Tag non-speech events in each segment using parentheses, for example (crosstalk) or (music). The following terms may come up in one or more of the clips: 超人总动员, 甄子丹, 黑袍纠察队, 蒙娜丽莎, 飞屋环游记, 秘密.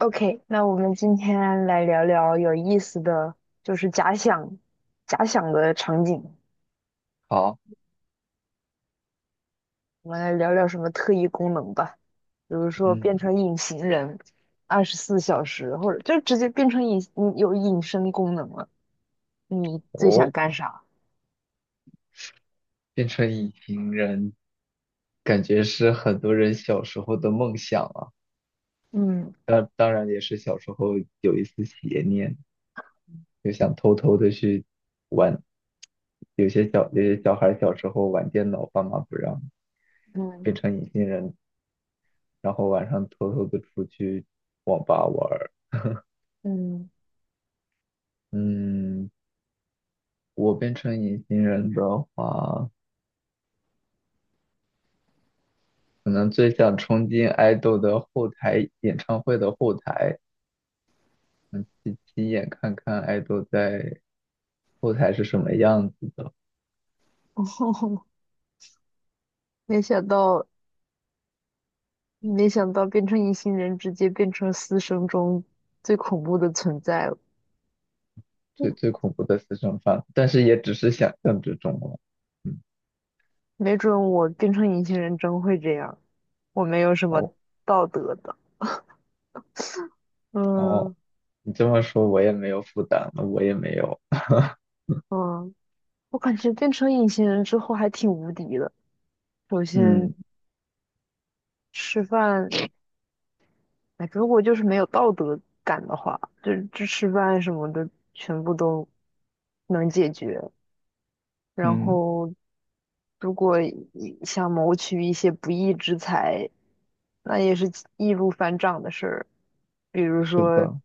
OK，那我们今天来聊聊有意思的，就是假想的场景。好，我们来聊聊什么特异功能吧，比如说变嗯，成隐形人，24小时，或者就直接变成隐，嗯有隐身功能了。你最想哦，干啥？变成隐形人，感觉是很多人小时候的梦想啊。嗯当然也是小时候有一丝邪念，就想偷偷的去玩。有些小孩小时候玩电脑，爸妈不让，嗯变成隐形人，然后晚上偷偷的出去网吧玩儿。嗯。嗯，我变成隐形人的话，可能最想冲进爱豆的后台，演唱会的后台。嗯，亲亲眼看看爱豆在后台是什么样子的，(laughs) 没想到，没想到变成隐形人，直接变成私生中最恐怖的存在了。最恐怖的私生饭，但是也只是想象之中了。嗯，没准我变成隐形人真会这样，我没有什么哦道德的。哦，嗯你这么说我也没有负担了，我也没有。嗯，我感觉变成隐形人之后还挺无敌的。首先嗯吃饭，哎，如果就是没有道德感的话，就这吃饭什么的全部都能解决。然嗯，后如果一想谋取一些不义之财，那也是易如反掌的事儿，比如是说的，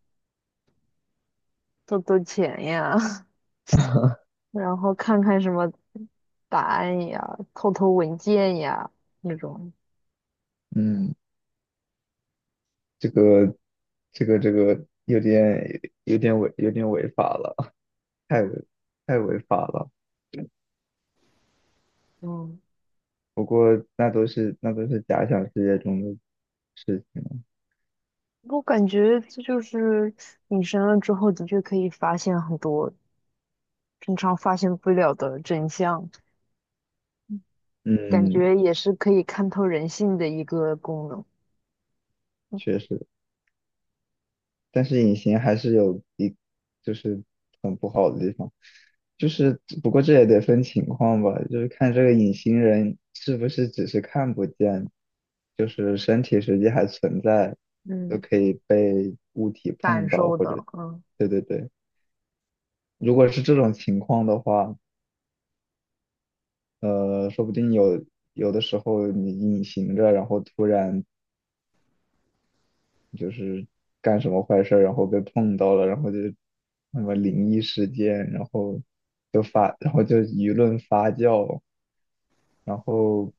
偷偷钱呀。(laughs) (laughs) 然后看看什么答案呀，偷偷文件呀那种。嗯，这个这个有点有点违法了，太违太违法了。嗯，不过那都是假想世界中的事情了我感觉这就是隐身了之后，的确可以发现很多平常发现不了的真相，感嗯，觉也是可以看透人性的一个功能。确实。但是隐形还是就是很不好的地方，就是不过这也得分情况吧，就是看这个隐形人是不是只是看不见，就是身体实际还存在，就嗯，可以被物体感碰到受或的，者，嗯对，如果是这种情况的话，说不定有的时候你隐形着，然后突然就是干什么坏事儿，然后被碰到了，然后就什么灵异事件，然后就发，然后就舆论发酵，然后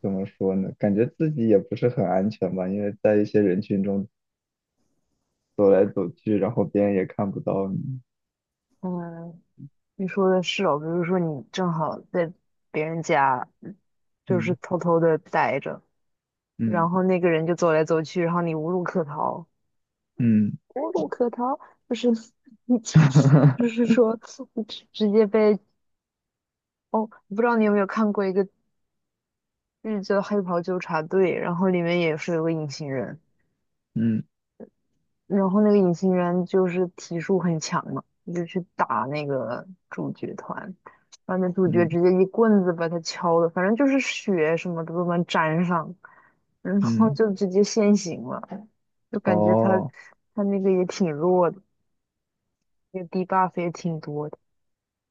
怎么说呢？感觉自己也不是很安全吧，因为在一些人群中走来走去，然后别人也看不到你。嗯。你说的是哦，比如说你正好在别人家，就是嗯偷偷的待着，然嗯后那个人就走来走去，然后你无路可逃。嗯 无路可逃，就是你，就 (laughs) 是说直直接被哦，不知道你有没有看过一个日剧叫《黑袍纠察队》，然后里面也是有个隐形人，嗯然后那个隐形人就是体术很强嘛，就去打那个主角团，然后那主角嗯直接一棍子把他敲的，反正就是血什么的都能沾上，然后嗯，就直接现形了，就感觉他哦。他那个也挺弱的，那个 DEBUFF 也挺多的。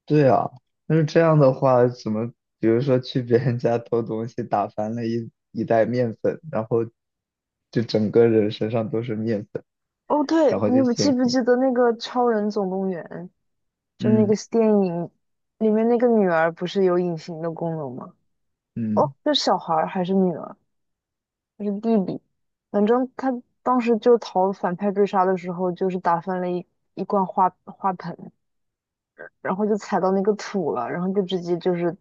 对啊，但是这样的话，怎么，比如说去别人家偷东西，打翻了一袋面粉，然后就整个人身上都是面粉，哦，然对，后你就有现记不形。记得那个《超人总动员》？就那个嗯电影里面那个女儿不是有隐形的功能吗？哦，嗯，是小孩儿还是女儿还是弟弟？反正他当时就逃反派追杀的时候，就是打翻了一罐花盆，然后就踩到那个土了，然后就直接就是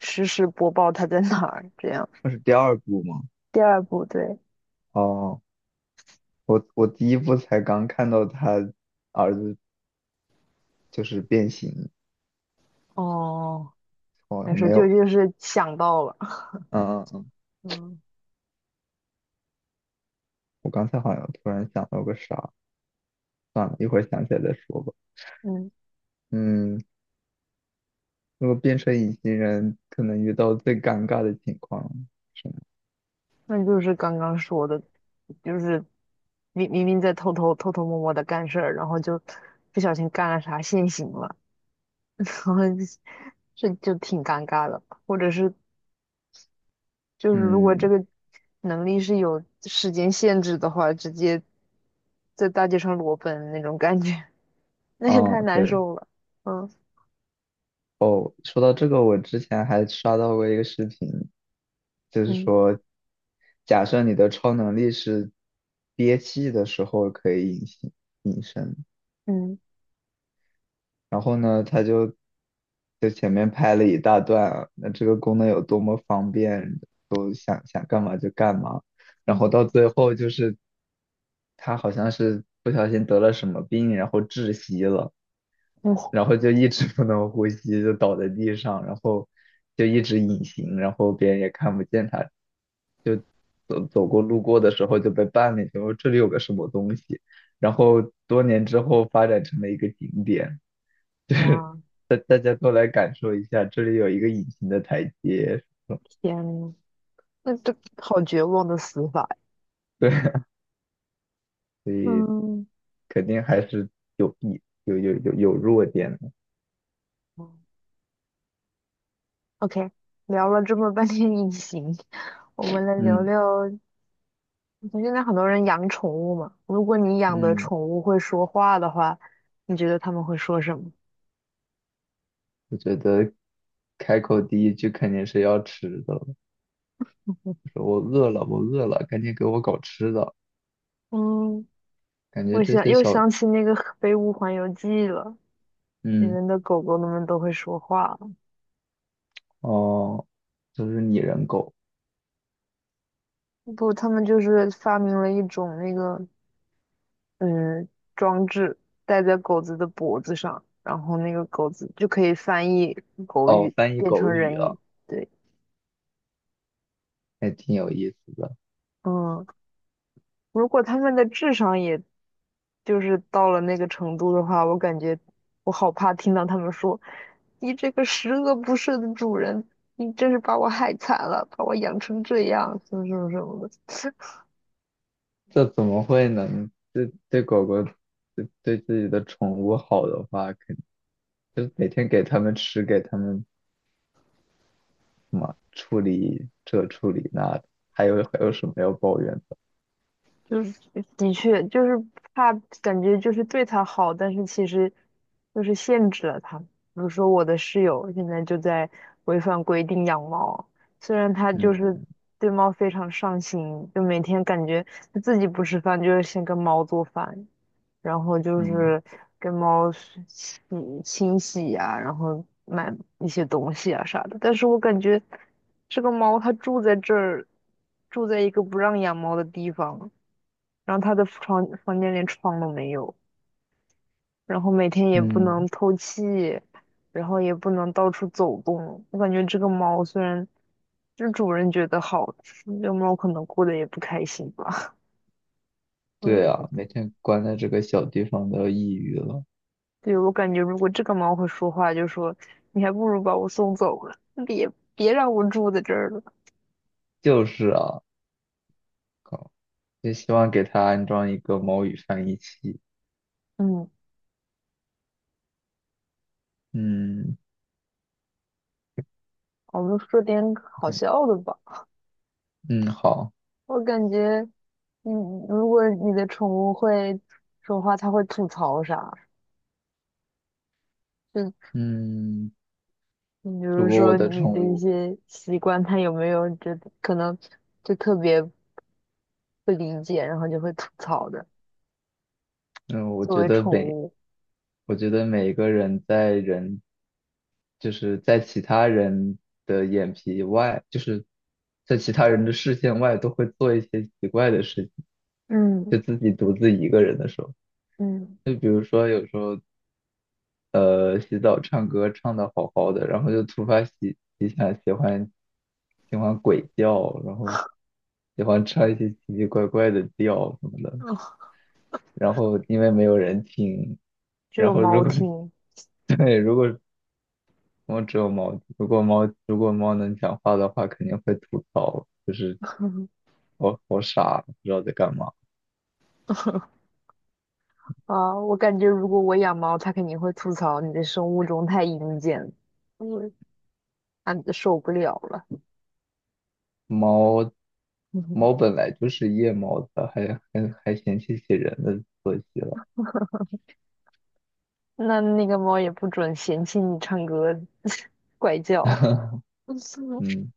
实时播报他在哪儿。这样，那是第二部吗？第二部对，哦，我第一部才刚看到他儿子就是变形，哦，但我是没就有，就是想到了。嗯，(laughs) 嗯我刚才好像突然想到个啥，算了，一会儿想起来再说吧。嗯。嗯，如果变成隐形人，可能遇到最尴尬的情况是什么那就是刚刚说的，就是明明在偷偷摸摸的干事儿，然后就不小心干了啥现行了，(laughs) 然后这就挺尴尬的。或者是就是如果这嗯。个能力是有时间限制的话，直接在大街上裸奔那种感觉，(laughs) 那也太嗯，难对，受了。嗯说到这个，我之前还刷到过一个视频，就是嗯说，假设你的超能力是憋气的时候可以隐身，嗯然后呢，就前面拍了一大段啊那这个功能有多么方便，都想干嘛就干嘛，然嗯。后到最后就是他好像是不小心得了什么病，然后窒息了。哇，然后就一直不能呼吸，就倒在地上，然后就一直隐形，然后别人也看不见他，就走过路过的时候就被绊了一下，我这里有个什么东西，然后多年之后发展成了一个景点，大家都来感受一下，这里有一个隐形的台阶，天呐，那这好绝望的死法呀。对，(laughs) 嗯。肯定还是有弊，有弱点的，OK，聊了这么半天隐形，(laughs) 我们来聊嗯聊。现在很多人养宠物嘛，如果你养的嗯，宠物会说话的话，你觉得他们会说什么？我觉得。开口第一句肯定是要吃的，说我饿了，我饿了，赶紧给我搞吃的。嗯，感觉我这想些又小，想起那个《飞屋环游记》了，里嗯，面的狗狗们都会说话了。哦，就是拟人狗，不，他们就是发明了一种那个嗯装置，戴在狗子的脖子上，然后那个狗子就可以翻译狗哦，语翻译变狗成语人啊，语。对。还挺有意思的。嗯，如果他们的智商也就是到了那个程度的话，我感觉我好怕听到他们说：“你这个十恶不赦的主人，你真是把我害惨了，把我养成这样，什么什么什么的。”这怎么会呢？对狗狗，对自己的宠物好的话，肯就每天给它们吃，给它们什么处理这处理那的，还有什么要抱怨的？就是的确就是怕，感觉就是对他好，但是其实就是限制了他。比如说我的室友现在就在违反规定养猫，虽然他就是嗯对猫非常上心，就每天感觉他自己不吃饭就是先跟猫做饭，然后就嗯是跟猫是清洗呀、然后买一些东西啊啥的。但是我感觉这个猫它住在这儿，住在一个不让养猫的地方。然后他的房间连窗都没有，然后每天也不能嗯，透气，然后也不能到处走动。我感觉这个猫虽然就是主人觉得好，这个猫可能过得也不开心吧。(laughs) 对对的。啊，每天关在这个小地方都要抑郁了。对，我感觉如果这个猫会说话，就说你还不如把我送走了，别别让我住在这儿了。就是啊，靠，也希望给它安装一个猫语翻译器。嗯，嗯。我们说点好嗯，笑的吧。嗯好，我感觉，你如果你的宠物会说话，它会吐槽啥？就。嗯，你比主如播我说的你宠的一物，些习惯，他有没有觉得可能就特别不理解，然后就会吐槽的？嗯，作为宠物，我觉得每一个人就是在其他人的眼皮外，就是在其他人的视线外，都会做一些奇怪的事情，嗯就自己独自一个人的时候，嗯。就比如说有时候，洗澡唱歌唱的好好的，然后就突发奇想，喜欢鬼叫，然后喜欢唱一些奇奇怪怪的调什么的。啊，然后因为没有人听，只然有后猫如果 听。 (laughs) 对，如果我只有猫，如果猫能讲话的话，肯定会吐槽，就是 (laughs) 我好傻，不知道在干嘛。啊，我感觉如果我养猫，它肯定会吐槽你的生物钟太阴间了。嗯，啊，受不了了。猫猫 (laughs) 本来就是夜猫子，还嫌弃起人的作息了。那个猫也不准嫌弃你唱歌 (laughs) 怪叫。(laughs) (laughs) 嗯。